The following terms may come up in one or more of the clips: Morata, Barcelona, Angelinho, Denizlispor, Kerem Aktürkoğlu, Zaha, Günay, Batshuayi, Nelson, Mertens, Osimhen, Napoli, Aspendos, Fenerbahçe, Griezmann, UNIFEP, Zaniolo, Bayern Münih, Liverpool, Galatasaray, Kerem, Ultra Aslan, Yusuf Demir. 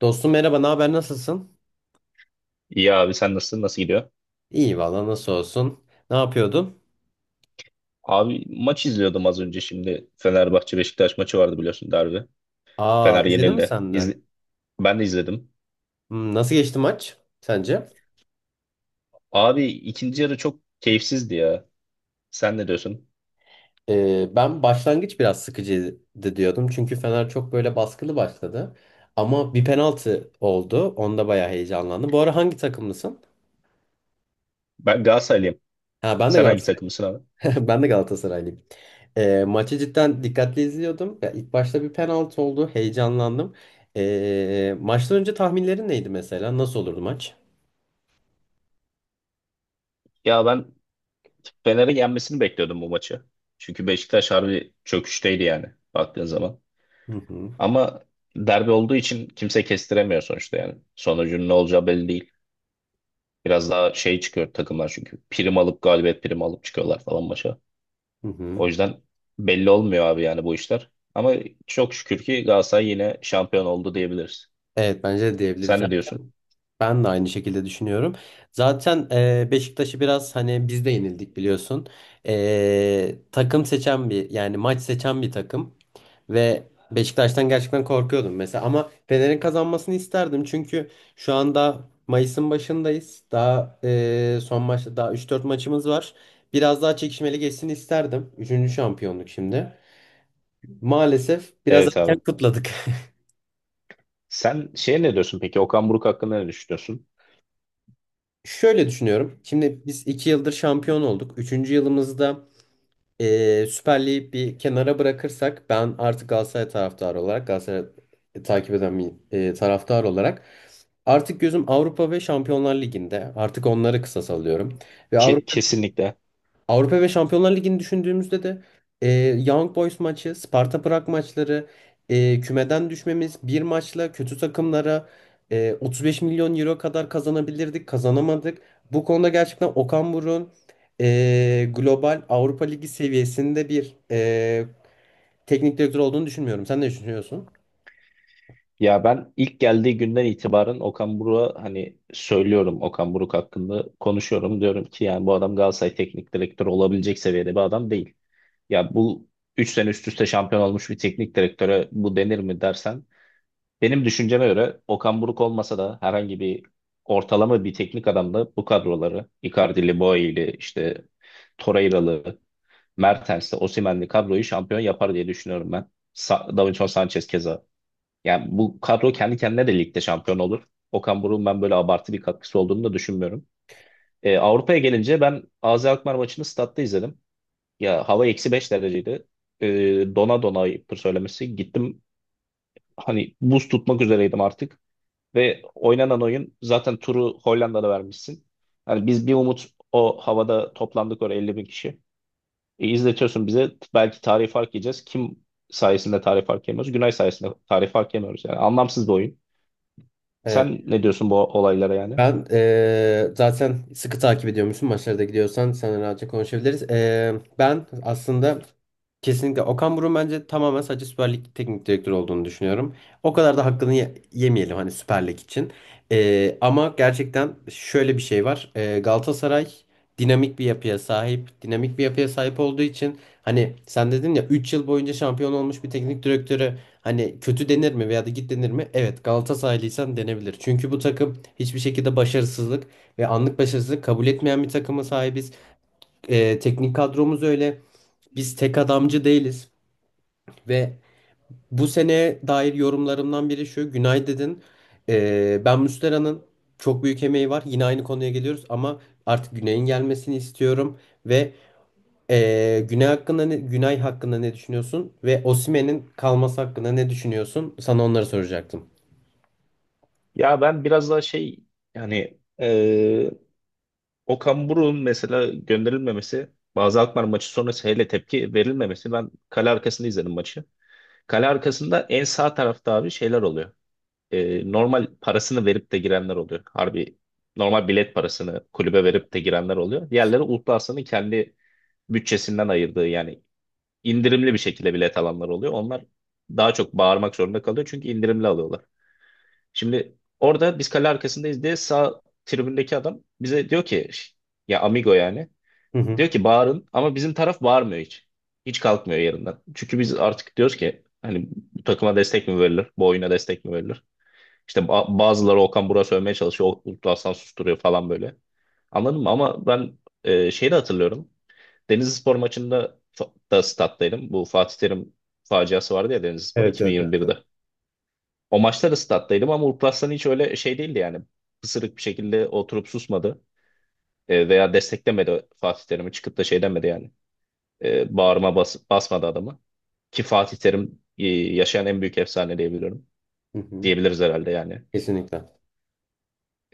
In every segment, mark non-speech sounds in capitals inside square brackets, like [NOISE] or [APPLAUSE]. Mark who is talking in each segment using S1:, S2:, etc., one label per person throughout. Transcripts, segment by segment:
S1: Dostum merhaba, ne haber, nasılsın?
S2: İyi abi sen nasılsın? Nasıl gidiyor?
S1: İyi valla nasıl olsun? Ne yapıyordun?
S2: Abi maç izliyordum az önce şimdi. Fenerbahçe Beşiktaş maçı vardı biliyorsun derbi.
S1: Aa
S2: Fener
S1: izledin mi
S2: yenildi.
S1: sen de?
S2: Ben de izledim.
S1: Hmm, nasıl geçti maç sence?
S2: Abi ikinci yarı çok keyifsizdi ya. Sen ne diyorsun?
S1: Ben başlangıç biraz sıkıcıydı diyordum. Çünkü Fener çok böyle baskılı başladı. Ama bir penaltı oldu. Onda bayağı heyecanlandım. Bu ara hangi takımlısın?
S2: Ben Galatasaraylıyım.
S1: Ha ben de
S2: Sen hangi
S1: Galatasaray.
S2: takımısın abi?
S1: [LAUGHS] Ben de Galatasaraylıyım. Maçı cidden dikkatli izliyordum. Ya, ilk başta bir penaltı oldu. Heyecanlandım. Maçtan önce tahminlerin neydi mesela? Nasıl olurdu maç?
S2: Ya ben Fener'in yenmesini bekliyordum bu maçı. Çünkü Beşiktaş harbi çöküşteydi yani baktığın zaman.
S1: Hı hı.
S2: Ama derbi olduğu için kimse kestiremiyor sonuçta yani. Sonucun ne olacağı belli değil. Biraz daha şey çıkıyor takımlar çünkü. Prim alıp galibiyet primi alıp çıkıyorlar falan maça.
S1: Hı hı.
S2: O yüzden belli olmuyor abi yani bu işler. Ama çok şükür ki Galatasaray yine şampiyon oldu diyebiliriz.
S1: Evet bence de diyebiliriz.
S2: Sen ne diyorsun?
S1: Zaten ben de aynı şekilde düşünüyorum. Zaten Beşiktaş'ı biraz hani biz de yenildik biliyorsun. Takım seçen bir yani maç seçen bir takım ve Beşiktaş'tan gerçekten korkuyordum mesela, ama Fener'in kazanmasını isterdim çünkü şu anda Mayıs'ın başındayız. Daha son maçta daha üç dört maçımız var. Biraz daha çekişmeli geçsin isterdim. Üçüncü şampiyonluk şimdi. Maalesef biraz
S2: Evet abi.
S1: erken kutladık. [LAUGHS]
S2: Sen ne diyorsun peki? Okan Buruk hakkında ne düşünüyorsun?
S1: Şöyle düşünüyorum. Şimdi biz iki yıldır şampiyon olduk. Üçüncü yılımızda Süper Lig'i bir kenara bırakırsak ben artık Galatasaray taraftarı olarak Galatasaray takip eden bir taraftar olarak artık gözüm Avrupa ve Şampiyonlar Ligi'nde. Artık onları kısa salıyorum. Ve
S2: Ke-
S1: Avrupa
S2: kesinlikle.
S1: Avrupa ve Şampiyonlar Ligi'ni düşündüğümüzde de e, Young Boys maçı, Sparta Prag maçları, kümeden düşmemiz, bir maçla kötü takımlara 35 milyon euro kadar kazanabilirdik, kazanamadık. Bu konuda gerçekten Okan Buruk'un global Avrupa Ligi seviyesinde bir teknik direktör olduğunu düşünmüyorum. Sen ne düşünüyorsun?
S2: Ya ben ilk geldiği günden itibaren Okan Buruk'a hani söylüyorum, Okan Buruk hakkında konuşuyorum. Diyorum ki yani bu adam Galatasaray teknik direktörü olabilecek seviyede bir adam değil. Ya bu 3 sene üst üste şampiyon olmuş bir teknik direktöre bu denir mi dersen, benim düşünceme göre Okan Buruk olmasa da herhangi bir ortalama bir teknik adamla bu kadroları Icardi'li, Boey'li, işte Torreira'lı, Mertens'li, Osimhen'li kadroyu şampiyon yapar diye düşünüyorum ben. Davinson Sanchez keza. Yani bu kadro kendi kendine de ligde şampiyon olur. Okan Buruk'un ben böyle abartı bir katkısı olduğunu da düşünmüyorum. Avrupa'ya gelince ben AZ Alkmaar maçını statta izledim. Ya hava -5 dereceydi. Ee, Dona dona ayıptır söylemesi. Gittim hani buz tutmak üzereydim artık. Ve oynanan oyun zaten turu Hollanda'da vermişsin. Hani biz bir umut o havada toplandık oraya 50.000 kişi. E, izletiyorsun bize belki tarih fark yiyeceğiz. Kim sayesinde tarih fark yemiyoruz? Günay sayesinde tarih fark yemiyoruz. Yani anlamsız bir oyun.
S1: Evet.
S2: Sen ne diyorsun bu olaylara yani?
S1: Ben zaten sıkı takip ediyormuşum, maçlara da gidiyorsan sana rahatça konuşabiliriz. Ben aslında kesinlikle Okan Buruk'un bence tamamen sadece Süper Lig teknik direktörü olduğunu düşünüyorum. O kadar da hakkını yemeyelim hani, Süper Lig için. Ama gerçekten şöyle bir şey var. Galatasaray dinamik bir yapıya sahip. Dinamik bir yapıya sahip olduğu için, hani sen dedin ya, 3 yıl boyunca şampiyon olmuş bir teknik direktörü hani kötü denir mi veya da git denir mi? Evet, Galatasaraylıysan denebilir. Çünkü bu takım hiçbir şekilde başarısızlık ve anlık başarısızlık kabul etmeyen bir takıma sahibiz. Teknik kadromuz öyle. Biz tek adamcı değiliz. Ve bu seneye dair yorumlarımdan biri şu. Günay dedin. Ben Muslera'nın çok büyük emeği var. Yine aynı konuya geliyoruz ama artık Günay'ın gelmesini istiyorum. Ve Günay hakkında ne düşünüyorsun? Ve Osimhen'in kalması hakkında ne düşünüyorsun? Sana onları soracaktım.
S2: Ya ben biraz daha şey yani Okan Buruk'un mesela gönderilmemesi, bazı Alkmaar maçı sonrası hele tepki verilmemesi, ben kale arkasında izledim maçı. Kale arkasında en sağ tarafta abi şeyler oluyor. Normal parasını verip de girenler oluyor. Harbi normal bilet parasını kulübe verip de girenler oluyor. Diğerleri Ultrasa'nın kendi bütçesinden ayırdığı yani indirimli bir şekilde bilet alanlar oluyor. Onlar daha çok bağırmak zorunda kalıyor çünkü indirimli alıyorlar. Şimdi orada biz kale arkasındayız diye sağ tribündeki adam bize diyor ki ya amigo yani,
S1: Hı hı.
S2: diyor ki bağırın, ama bizim taraf bağırmıyor hiç. Hiç kalkmıyor yerinden. Çünkü biz artık diyoruz ki hani bu takıma destek mi verilir? Bu oyuna destek mi verilir? İşte bazıları Okan Burak'ı sövmeye çalışıyor. Uludağ Hasan susturuyor falan böyle. Anladın mı? Ama ben şeyi de hatırlıyorum. Denizlispor maçında da stat'taydım. Bu Fatih Terim faciası vardı ya, Denizlispor
S1: Evet, evet, evet. Evet.
S2: 2021'de. O maçta da stat'taydım ama Uludağ Hasan hiç öyle şey değildi yani. Pısırık bir şekilde oturup susmadı. Veya desteklemedi Fatih Terim'i. Çıkıp da şey demedi yani. Bağrıma basmadı adamı. Ki Fatih Terim yaşayan en büyük efsane diyebiliyorum.
S1: Hı hı.
S2: Diyebiliriz herhalde yani.
S1: Kesinlikle.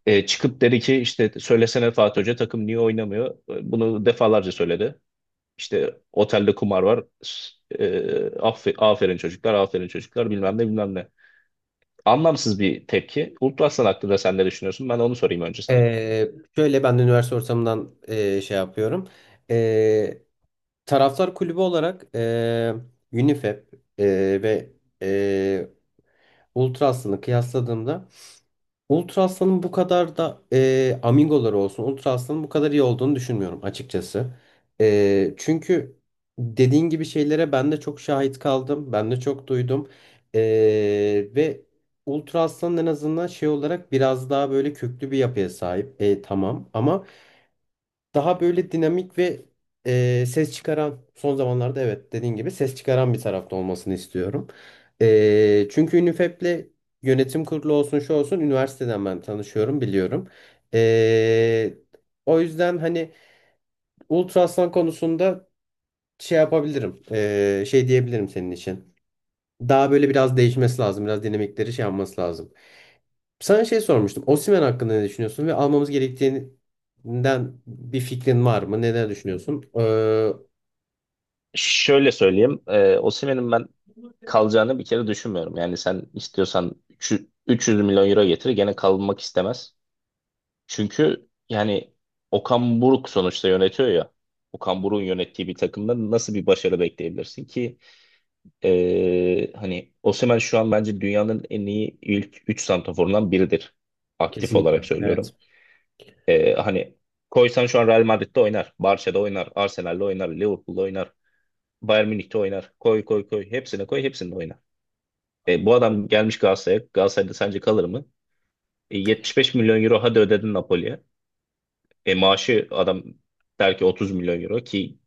S2: Çıkıp dedi ki işte, söylesene Fatih Hoca, takım niye oynamıyor? Bunu defalarca söyledi. İşte otelde kumar var. E, aferin çocuklar, aferin çocuklar bilmem ne bilmem ne." Anlamsız bir tepki. Ultrasan hakkında sen ne düşünüyorsun? Ben onu sorayım önce sana.
S1: Ee, Şöyle, ben de üniversite ortamından şey yapıyorum. Ee, Taraftar kulübü olarak, UNIFEP ve e, Ultra Aslı'nı kıyasladığımda, Ultra Aslan'ın bu kadar da amigoları olsun, Ultra Aslan'ın bu kadar iyi olduğunu düşünmüyorum açıkçası. Çünkü dediğin gibi şeylere ben de çok şahit kaldım. Ben de çok duydum. E, Ve Ultra Aslan en azından şey olarak biraz daha böyle köklü bir yapıya sahip. Tamam ama daha böyle dinamik ve ses çıkaran, son zamanlarda evet dediğin gibi ses çıkaran bir tarafta olmasını istiyorum. Çünkü Ünifep'le yönetim kurulu olsun şu olsun, üniversiteden ben tanışıyorum, biliyorum. E, O yüzden hani Ultra konusunda şey yapabilirim, şey diyebilirim senin için. Daha böyle biraz değişmesi lazım, biraz dinamikleri şey yapması lazım. Sana şey sormuştum. Osimhen hakkında ne düşünüyorsun ve almamız gerektiğinden bir fikrin var mı? Neler düşünüyorsun?
S2: Şöyle söyleyeyim. Osimhen'in ben kalacağını bir kere düşünmüyorum. Yani sen istiyorsan 300 milyon euro getir, gene kalmak istemez. Çünkü yani Okan Buruk sonuçta yönetiyor ya. Okan Buruk'un yönettiği bir takımda nasıl bir başarı bekleyebilirsin ki? Hani Osimhen şu an bence dünyanın en iyi ilk 3 santraforundan biridir. Aktif olarak
S1: Evet.
S2: söylüyorum. Hani koysan şu an Real Madrid'de oynar, Barça'da oynar, Arsenal'de oynar, Liverpool'da oynar, Bayern Münih'te oynar. Koy koy koy hepsine koy, hepsinde oynar. Bu adam gelmiş Galatasaray'a. Galatasaray'da sence kalır mı? 75 milyon euro hadi ödedin Napoli'ye. Maaşı adam der ki 30 milyon euro, ki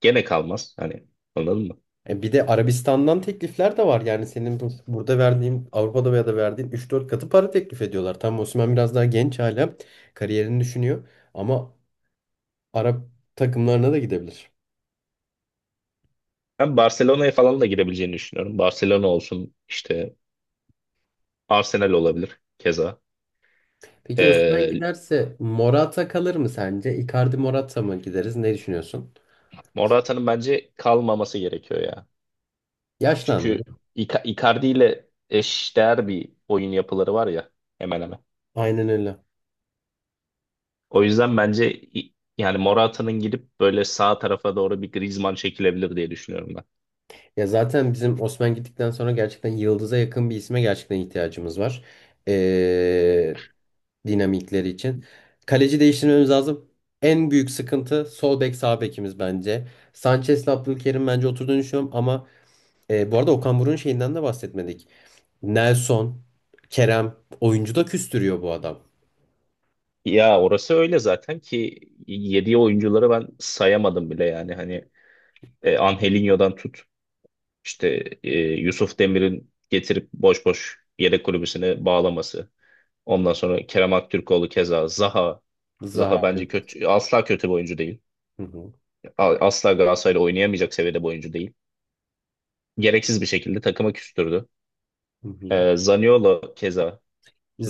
S2: gene kalmaz. Hani anladın mı?
S1: Bir de Arabistan'dan teklifler de var. Yani senin burada verdiğin, Avrupa'da veya da verdiğin üç dört katı para teklif ediyorlar. Tam Osimhen biraz daha genç hala. Kariyerini düşünüyor. Ama Arap takımlarına da gidebilir.
S2: Ben Barcelona'ya falan da girebileceğini düşünüyorum. Barcelona olsun, işte Arsenal olabilir keza.
S1: Peki Osimhen
S2: E,
S1: giderse Morata kalır mı sence? Icardi Morata mı gideriz? Ne düşünüyorsun?
S2: Morata'nın bence kalmaması gerekiyor ya. Çünkü
S1: Yaşlandı.
S2: Icardi ile eşdeğer bir oyun yapıları var ya, hemen hemen.
S1: Aynen öyle.
S2: O yüzden bence yani Morata'nın gidip böyle sağ tarafa doğru bir Griezmann çekilebilir diye düşünüyorum ben.
S1: Ya zaten bizim Osman gittikten sonra gerçekten yıldıza yakın bir isme gerçekten ihtiyacımız var. Ee, Dinamikleri için. Kaleci değiştirmemiz lazım. En büyük sıkıntı sol bek sağ bekimiz bence. Sanchez'le Abdülkerim bence oturduğunu düşünüyorum ama bu arada Okan Buruk'un şeyinden de bahsetmedik. Nelson, Kerem, oyuncu da küstürüyor bu adam.
S2: Ya orası öyle zaten ki yediği oyuncuları ben sayamadım bile yani, hani Angelinho'dan tut, işte Yusuf Demir'in getirip boş boş yedek kulübüsüne bağlaması. Ondan sonra Kerem Aktürkoğlu, keza Zaha. Zaha
S1: Zaha.
S2: bence
S1: Evet.
S2: kötü, asla kötü bir oyuncu değil.
S1: Hı hı,
S2: Asla Galatasaray'la oynayamayacak seviyede bir oyuncu değil. Gereksiz bir şekilde takıma küstürdü.
S1: hı hı.
S2: Zaniolo keza,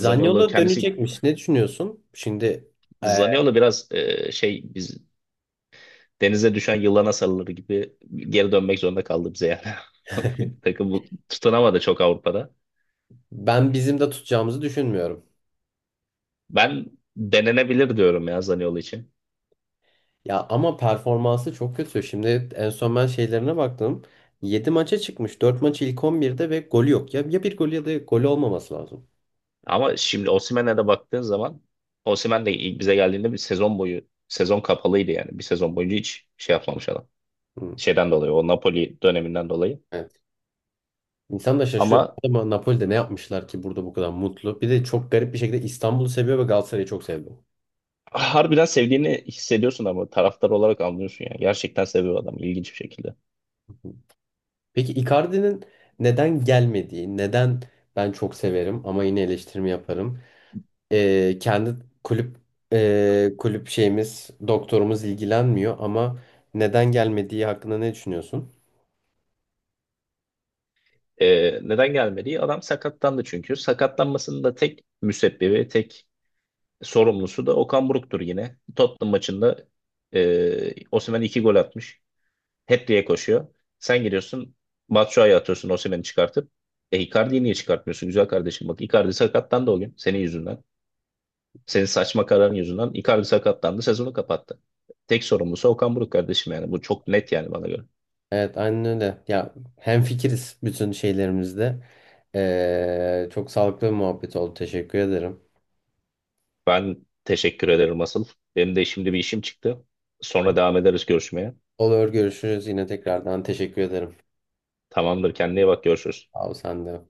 S2: Zaniolo kendisi,
S1: dönecekmiş. Ne düşünüyorsun? Şimdi e,
S2: Zaniolo biraz biz denize düşen yılana sarılır gibi geri dönmek zorunda kaldı bize yani. [LAUGHS]
S1: [LAUGHS]
S2: Takım tutunamadı çok Avrupa'da.
S1: ben bizim de tutacağımızı düşünmüyorum.
S2: Ben denenebilir diyorum ya Zaniolo için.
S1: Ya ama performansı çok kötü. Şimdi en son ben şeylerine baktım. 7 maça çıkmış. Dört maç ilk 11'de ve golü yok. Ya, ya bir gol ya da golü olmaması lazım.
S2: Ama şimdi Osimhen'e de baktığın zaman, Osimhen de ilk bize geldiğinde bir sezon boyu sezon kapalıydı yani. Bir sezon boyunca hiç şey yapmamış adam.
S1: Hı.
S2: Şeyden dolayı, o Napoli döneminden dolayı.
S1: Evet. İnsan da şaşırıyor.
S2: Ama
S1: Ama Napoli'de ne yapmışlar ki burada bu kadar mutlu? Bir de çok garip bir şekilde İstanbul'u seviyor ve Galatasaray'ı çok seviyor.
S2: harbiden sevdiğini hissediyorsun, ama taraftar olarak anlıyorsun yani. Gerçekten seviyor adam ilginç bir şekilde.
S1: Peki Icardi'nin neden gelmediği, neden, ben çok severim ama yine eleştirimi yaparım. Kendi kulüp kulüp şeyimiz, doktorumuz ilgilenmiyor, ama neden gelmediği hakkında ne düşünüyorsun?
S2: Neden gelmedi? Adam sakatlandı çünkü. Sakatlanmasının da tek müsebbibi, tek sorumlusu da Okan Buruk'tur yine. Tottenham maçında Osimhen iki gol atmış. Hat-trick'e koşuyor. Sen giriyorsun, Batshuayi'ye atıyorsun Osimhen'i çıkartıp. Icardi'yi niye çıkartmıyorsun güzel kardeşim? Bak Icardi sakatlandı o gün senin yüzünden. Senin saçma kararın yüzünden Icardi sakatlandı, sezonu kapattı. Tek sorumlusu Okan Buruk, kardeşim yani. Bu çok net yani bana göre.
S1: Evet aynen öyle. Ya hemfikiriz bütün şeylerimizde. Çok sağlıklı bir muhabbet oldu. Teşekkür ederim.
S2: Ben teşekkür ederim asıl. Benim de şimdi bir işim çıktı. Sonra devam ederiz görüşmeye.
S1: Olur, görüşürüz yine tekrardan. Teşekkür ederim.
S2: Tamamdır, kendine iyi bak, görüşürüz.
S1: Abi sen de.